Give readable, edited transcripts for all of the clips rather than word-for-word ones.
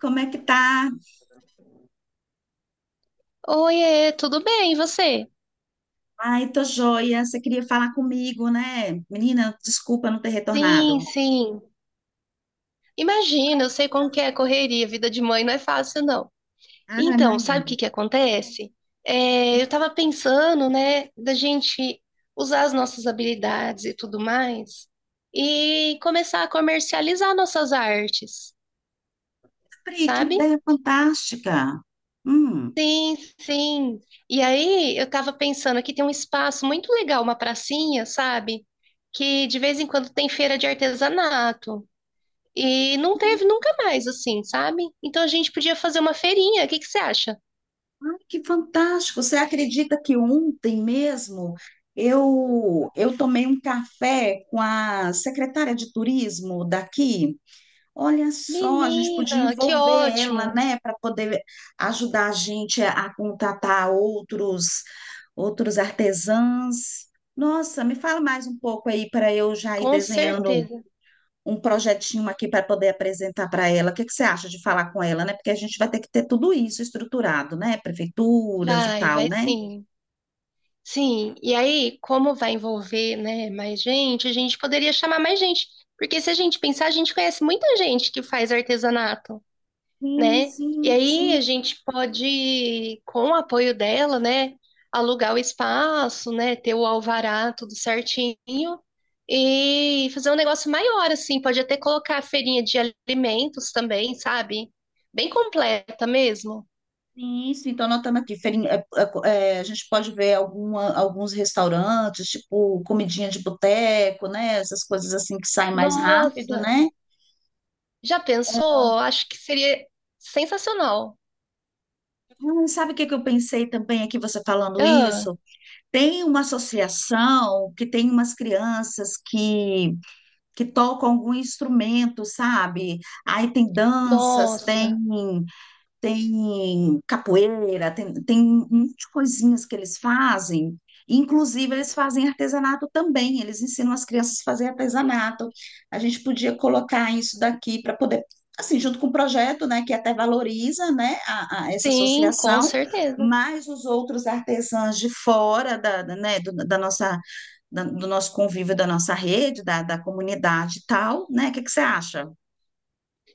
Como é que tá? Oiê, tudo bem, e você? Ai, tô joia. Você queria falar comigo, né? Menina, desculpa não ter Sim, retornado. sim. Imagina, eu sei como que é a correria, vida de mãe não é fácil, não. Ah, Então, sabe o imagina. que que acontece? É, eu tava pensando, né, da gente usar as nossas habilidades e tudo mais e começar a comercializar nossas artes, Pri, que sabe? ideia fantástica. Hum, Sim. E aí, eu tava pensando aqui tem um espaço muito legal, uma pracinha, sabe? Que de vez em quando tem feira de artesanato. E não teve nunca mais, assim, sabe? Então a gente podia fazer uma feirinha. O que que você acha? ai, que fantástico. Você acredita que ontem mesmo eu tomei um café com a secretária de turismo daqui? Olha só, a gente podia Menina, que envolver ela, ótimo! né, para poder ajudar a gente a contratar outros artesãos. Nossa, me fala mais um pouco aí para eu já ir Com desenhando certeza. um projetinho aqui para poder apresentar para ela. O que que você acha de falar com ela, né? Porque a gente vai ter que ter tudo isso estruturado, né? Prefeituras e Vai, tal, vai né? sim. Sim, e aí, como vai envolver, né, mais gente, a gente poderia chamar mais gente. Porque se a gente pensar, a gente conhece muita gente que faz artesanato. Sim, Né? E sim, aí a sim. gente pode, com o apoio dela, né, alugar o espaço, né, ter o alvará tudo certinho e fazer um negócio maior, assim, pode até colocar a feirinha de alimentos também, sabe? Bem completa mesmo. Isso, então anotando aqui, a gente pode ver alguns restaurantes, tipo comidinha de boteco, né? Essas coisas assim que saem mais rápido, Nossa, né? já pensou? Acho que seria sensacional. Sabe o que que eu pensei também aqui, você falando Ah, isso? Tem uma associação que tem umas crianças que tocam algum instrumento, sabe? Aí tem danças, tem. nossa, Tem capoeira, tem, tem um monte de coisinhas que eles fazem. Inclusive, eles fazem artesanato também, eles ensinam as crianças a fazer artesanato. A gente podia colocar isso daqui para poder, assim, junto com o projeto, né, que até valoriza, né, a essa sim, com associação, certeza. mas os outros artesãos de fora né, da nossa, do nosso convívio, da nossa rede, da comunidade e tal, né? O que que você acha?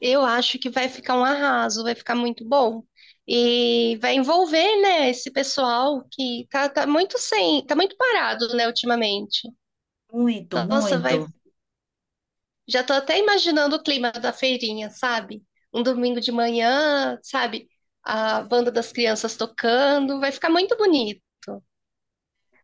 Eu acho que vai ficar um arraso, vai ficar muito bom. E vai envolver, né, esse pessoal que tá, tá muito sem, tá muito parado, né, ultimamente. Muito, Nossa, muito. vai, já tô até imaginando o clima da feirinha, sabe? Um domingo de manhã, sabe? A banda das crianças tocando, vai ficar muito bonito.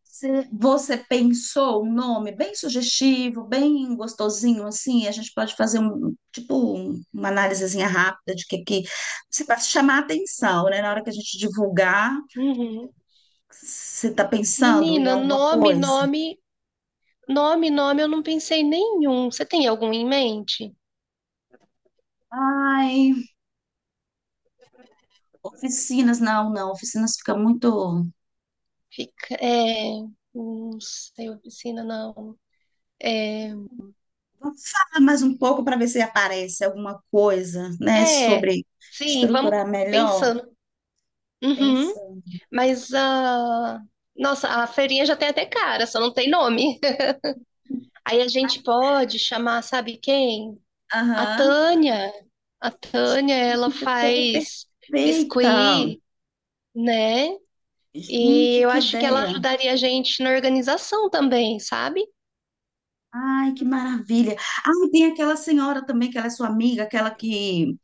Você pensou um nome bem sugestivo, bem gostosinho, assim, a gente pode fazer um, tipo, uma análisezinha rápida de que você para chamar a atenção, né? Na hora que a gente divulgar, Uhum. você está pensando em Menina, alguma nome, coisa? nome, nome, nome, eu não pensei em nenhum. Você tem algum em mente? Ai, oficinas, não, não, oficinas fica muito. Fica, é, não sei, oficina, não. É, Vamos falar mais um pouco para ver se aparece alguma coisa, né, é, sobre sim, vamos estruturar melhor. pensando. Uhum, Pensa. mas a. Nossa, a feirinha já tem até cara, só não tem nome. Aí a gente pode chamar, sabe quem? A Aham. Tânia. A Tânia, ela Gente, tá toda faz perfeita. biscuit, né? E Gente, eu que acho que ela ideia! ajudaria a gente na organização também, sabe? Ai, que maravilha! Ah, e tem aquela senhora também, que ela é sua amiga, aquela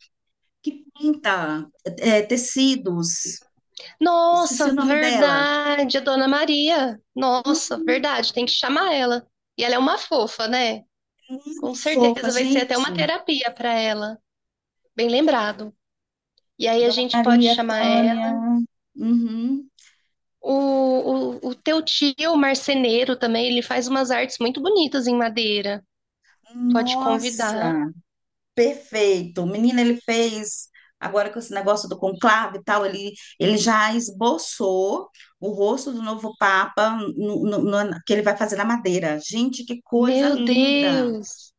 que pinta tecidos. Esqueci o Nossa, nome dela. verdade, a Dona Maria. Hum, Nossa, verdade, tem que chamar ela. E ela é uma fofa, né? Com fofa, certeza vai ser até uma gente. terapia para ela, bem lembrado. E aí a gente pode Maria chamar Tânia. ela. Uhum. O teu tio, o marceneiro também, ele faz umas artes muito bonitas em madeira. Pode convidar. Nossa! Perfeito. Menina, ele fez, agora com esse negócio do conclave e tal, ele já esboçou o rosto do novo Papa que ele vai fazer na Madeira. Gente, que coisa Meu linda! Deus!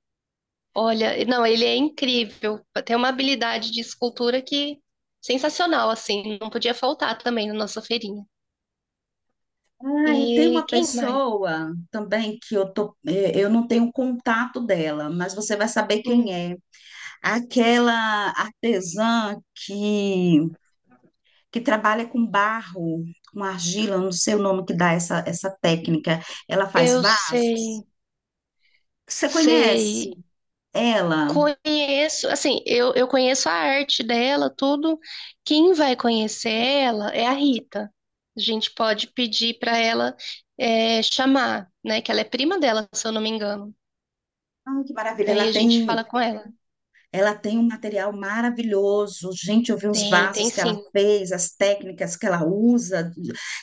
Olha, não, ele é incrível. Tem uma habilidade de escultura que sensacional, assim. Não podia faltar também na nossa feirinha. Ah, e tem E uma quem mais? pessoa também que eu tô, eu não tenho contato dela, mas você vai saber quem Hum, é. Aquela artesã que trabalha com barro, com argila, não sei o nome que dá essa técnica. Ela faz eu vasos. sei, Você conhece sei. ela? Conheço, assim, eu conheço a arte dela, tudo. Quem vai conhecer ela é a Rita. A gente pode pedir para ela é, chamar, né? Que ela é prima dela, se eu não me engano. Ah, que maravilha! Aí a gente fala com ela. Ela tem um material maravilhoso. Gente, eu vi uns Tem, tem vasos que ela sim. fez, as técnicas que ela usa,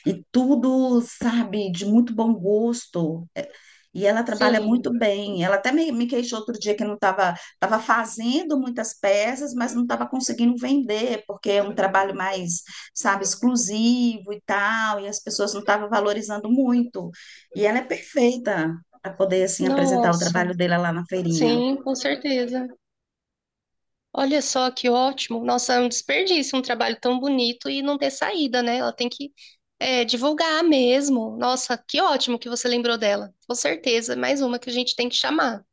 e tudo, sabe, de muito bom gosto. É, e ela trabalha Sim. muito bem. Ela até me queixou outro dia que não estava fazendo muitas peças, mas não estava conseguindo vender, porque é um trabalho mais, sabe, exclusivo e tal, e as pessoas não estavam valorizando muito. E ela é perfeita para poder, assim, apresentar o Nossa, trabalho dela lá na feirinha. sim, com certeza. Olha só que ótimo. Nossa, é um desperdício, um trabalho tão bonito e não ter saída, né? Ela tem que é, divulgar mesmo. Nossa, que ótimo que você lembrou dela. Com certeza, é mais uma que a gente tem que chamar.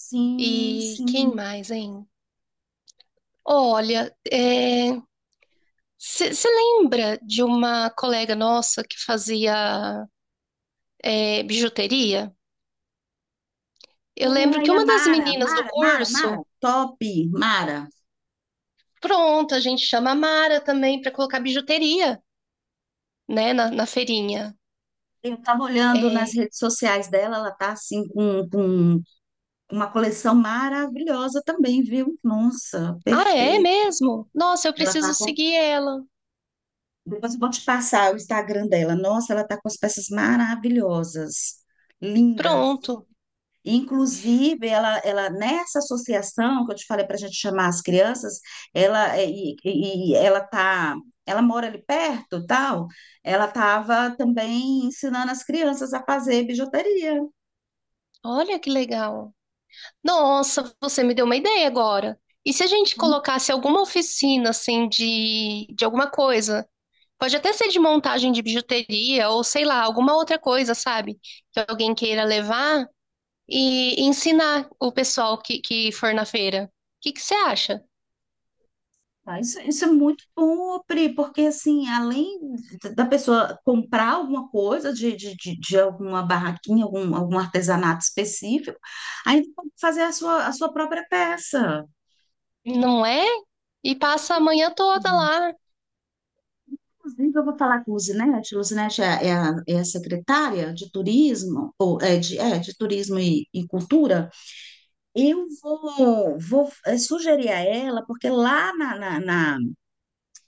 Sim, E quem sim. mais, hein? Olha, você lembra de uma colega nossa que fazia é, bijuteria? Eu lembro que Ai, a uma das Mara, meninas do Mara, Mara, Mara, curso, top, Mara. pronto, a gente chama a Mara também para colocar bijuteria, né, na feirinha. Eu estava olhando É, nas redes sociais dela, ela tá assim com uma coleção maravilhosa também, viu? Nossa, ah, é perfeito. mesmo? Nossa, eu Ela tá preciso com... seguir ela. Depois eu vou te passar o Instagram dela. Nossa, ela tá com as peças maravilhosas, lindas. Pronto. Inclusive, ela nessa associação que eu te falei para a gente chamar as crianças, ela é, e ela tá, ela mora ali perto, tal. Ela estava também ensinando as crianças a fazer bijuteria. Olha que legal. Nossa, você me deu uma ideia agora. E se a gente Uhum. colocasse alguma oficina, assim, de alguma coisa? Pode até ser de montagem de bijuteria ou sei lá, alguma outra coisa, sabe? Que alguém queira levar e ensinar o pessoal que for na feira. O que que você acha? Tá, isso é muito bom, Pri, porque assim, além da pessoa comprar alguma coisa de alguma barraquinha, algum, algum artesanato específico, ainda pode fazer a sua própria peça. Não é? E passa a manhã toda lá. Inclusive, eu vou falar com o Luzinete. Luzinete é, é a secretária de turismo, ou é de turismo e cultura. Eu vou, sugerir a ela, porque lá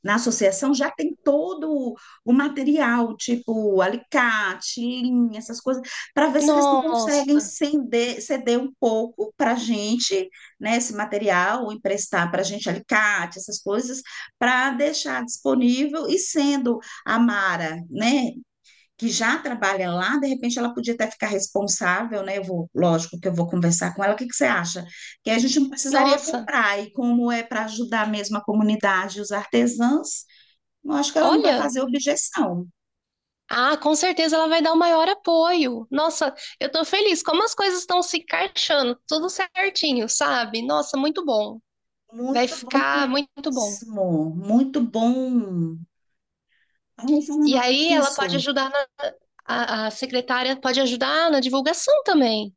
na associação já tem todo o material, tipo alicate, linha, essas coisas, para ver se eles não conseguem Nossa, ceder, ceder um pouco para a gente, né, esse material, ou emprestar para a gente alicate, essas coisas, para deixar disponível. E sendo a Mara, né, que já trabalha lá, de repente ela podia até ficar responsável, né? Eu vou, lógico que eu vou conversar com ela. O que que você acha? Que a gente não precisaria nossa, comprar, e como é para ajudar mesmo a comunidade e os artesãos, eu acho que ela não vai olha. fazer objeção. Ah, com certeza ela vai dar o maior apoio. Nossa, eu tô feliz. Como as coisas estão se encaixando, tudo certinho, sabe? Nossa, muito bom. Vai Muito bom ficar muito bom. mesmo. Muito bom. Ai, E falando aí ela pode nisso. ajudar na, a secretária pode ajudar na divulgação também.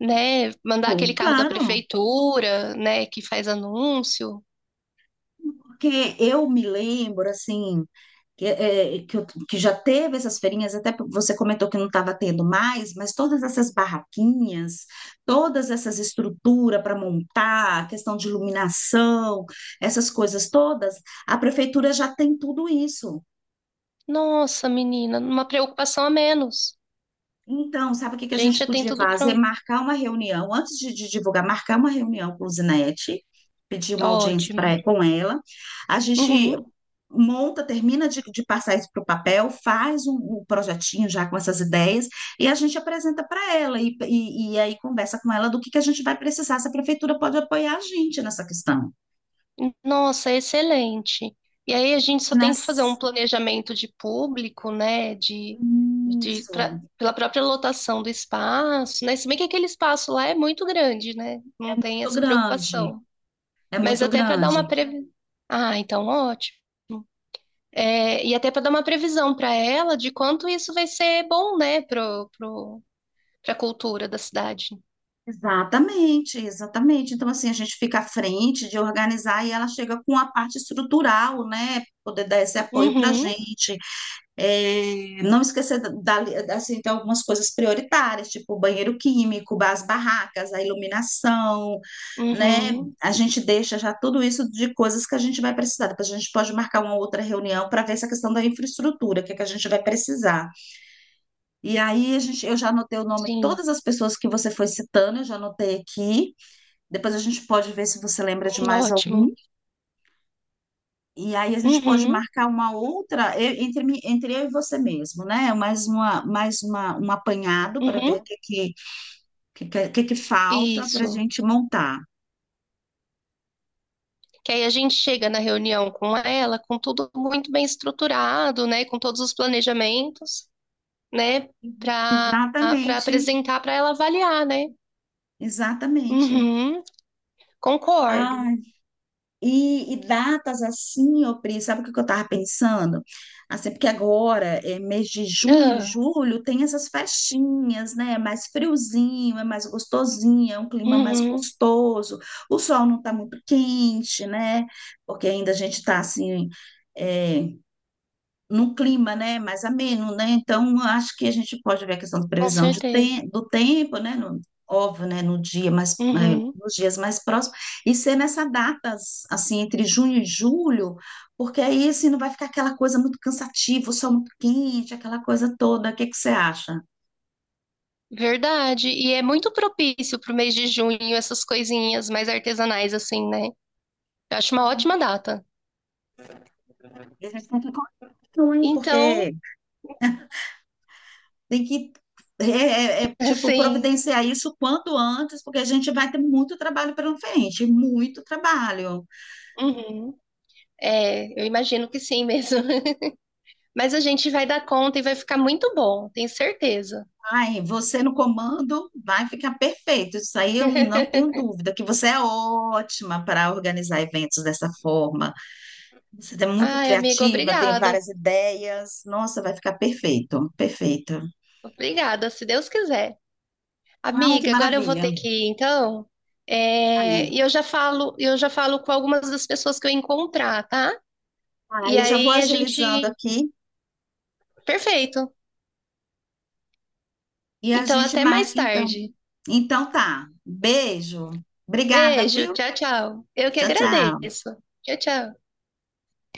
Né? Mandar Pô, aquele carro da claro, prefeitura, né? Que faz anúncio. porque eu me lembro, assim, que, é, que, eu- que já teve essas feirinhas, até você comentou que não estava tendo mais, mas todas essas barraquinhas, todas essas estruturas para montar, questão de iluminação, essas coisas todas, a prefeitura já tem tudo isso. Nossa, menina, uma preocupação a menos. Então, sabe o que que a A gente, gente já tem podia tudo fazer? pronto. Marcar uma reunião, antes de divulgar, marcar uma reunião com o Zinete, pedir uma audiência Ótimo. com ela. A gente Uhum. monta, termina de passar isso para o papel, faz um, um projetinho já com essas ideias e a gente apresenta para ela e aí conversa com ela do que a gente vai precisar, se a prefeitura pode apoiar a gente nessa questão. Nossa, excelente. E aí a gente só tem que fazer um Nas... planejamento de público, né? De pra- Isso, pela própria lotação do espaço, né? Se bem que aquele espaço lá é muito grande, né? é Não tem muito essa grande, preocupação. é Mas muito até para dar uma grande. previ... Ah, então ótimo. É, e até para dar uma previsão para ela de quanto isso vai ser bom, né, para a cultura da cidade. Exatamente, exatamente. Então, assim, a gente fica à frente de organizar e ela chega com a parte estrutural, né? Poder dar esse apoio para a Uhum, gente. É, não esquecer assim, de algumas coisas prioritárias, tipo o banheiro químico, as barracas, a iluminação, né? uhum, A gente deixa já tudo isso de coisas que a gente vai precisar. Depois a gente pode marcar uma outra reunião para ver essa questão da infraestrutura, o que é que a gente vai precisar. E aí, a gente, eu já anotei o nome de sim, todas as pessoas que você foi citando, eu já anotei aqui. Depois a gente pode ver se você lembra de mais algum. ótimo. E aí a gente pode Uhum, marcar uma outra entre eu e você mesmo, né? Mais uma, um apanhado para ver o uhum, que, que falta para a isso. gente montar. Que aí a gente chega na reunião com ela, com tudo muito bem estruturado, né, com todos os planejamentos, né, para para Exatamente, apresentar para ela avaliar, né? exatamente. Uhum, Ah, concordo. e datas assim, ô Pri, sabe o que que eu estava pensando? Assim, porque agora, é, mês de junho, Ah, julho, tem essas festinhas, né? É mais friozinho, é mais gostosinho, é um clima mais uhum, gostoso, o sol não está muito quente, né? Porque ainda a gente está assim, eh, num clima, né, mais ameno, né? Então, acho que a gente pode ver a questão da com previsão certeza. Do tempo, né? Óbvio, né? No dia mais, Uhum. nos dias mais próximos, e ser nessa datas, assim, entre junho e julho, porque aí, assim, não vai ficar aquela coisa muito cansativa, o sol muito quente, aquela coisa toda. O que que você acha? Verdade. E é muito propício pro mês de junho, essas coisinhas mais artesanais, assim, né? Eu acho uma ótima data. E a gente tem que continuar, hein? Então, Porque tem é, tipo, assim, providenciar isso quanto antes, porque a gente vai ter muito trabalho pela frente, muito trabalho. uhum. É, eu imagino que sim mesmo. Mas a gente vai dar conta e vai ficar muito bom, tenho certeza. Ai, você no comando vai ficar perfeito. Isso aí eu não tenho dúvida, que você é ótima para organizar eventos dessa forma. Você é muito Ai, amigo, criativa, tem obrigada. várias ideias. Nossa, vai ficar perfeito, perfeito. Obrigada, se Deus quiser. Ai, que Amiga, agora eu vou maravilha. ter que ir, então. É, e eu já falo com algumas das pessoas que eu encontrar, tá? Ah, E eu já vou aí a agilizando gente. aqui Perfeito. e a Então, gente até marca mais então. tarde. Então tá. Beijo. Obrigada, Beijo, viu? tchau, tchau. Eu que Tchau, tchau. agradeço. Tchau, tchau.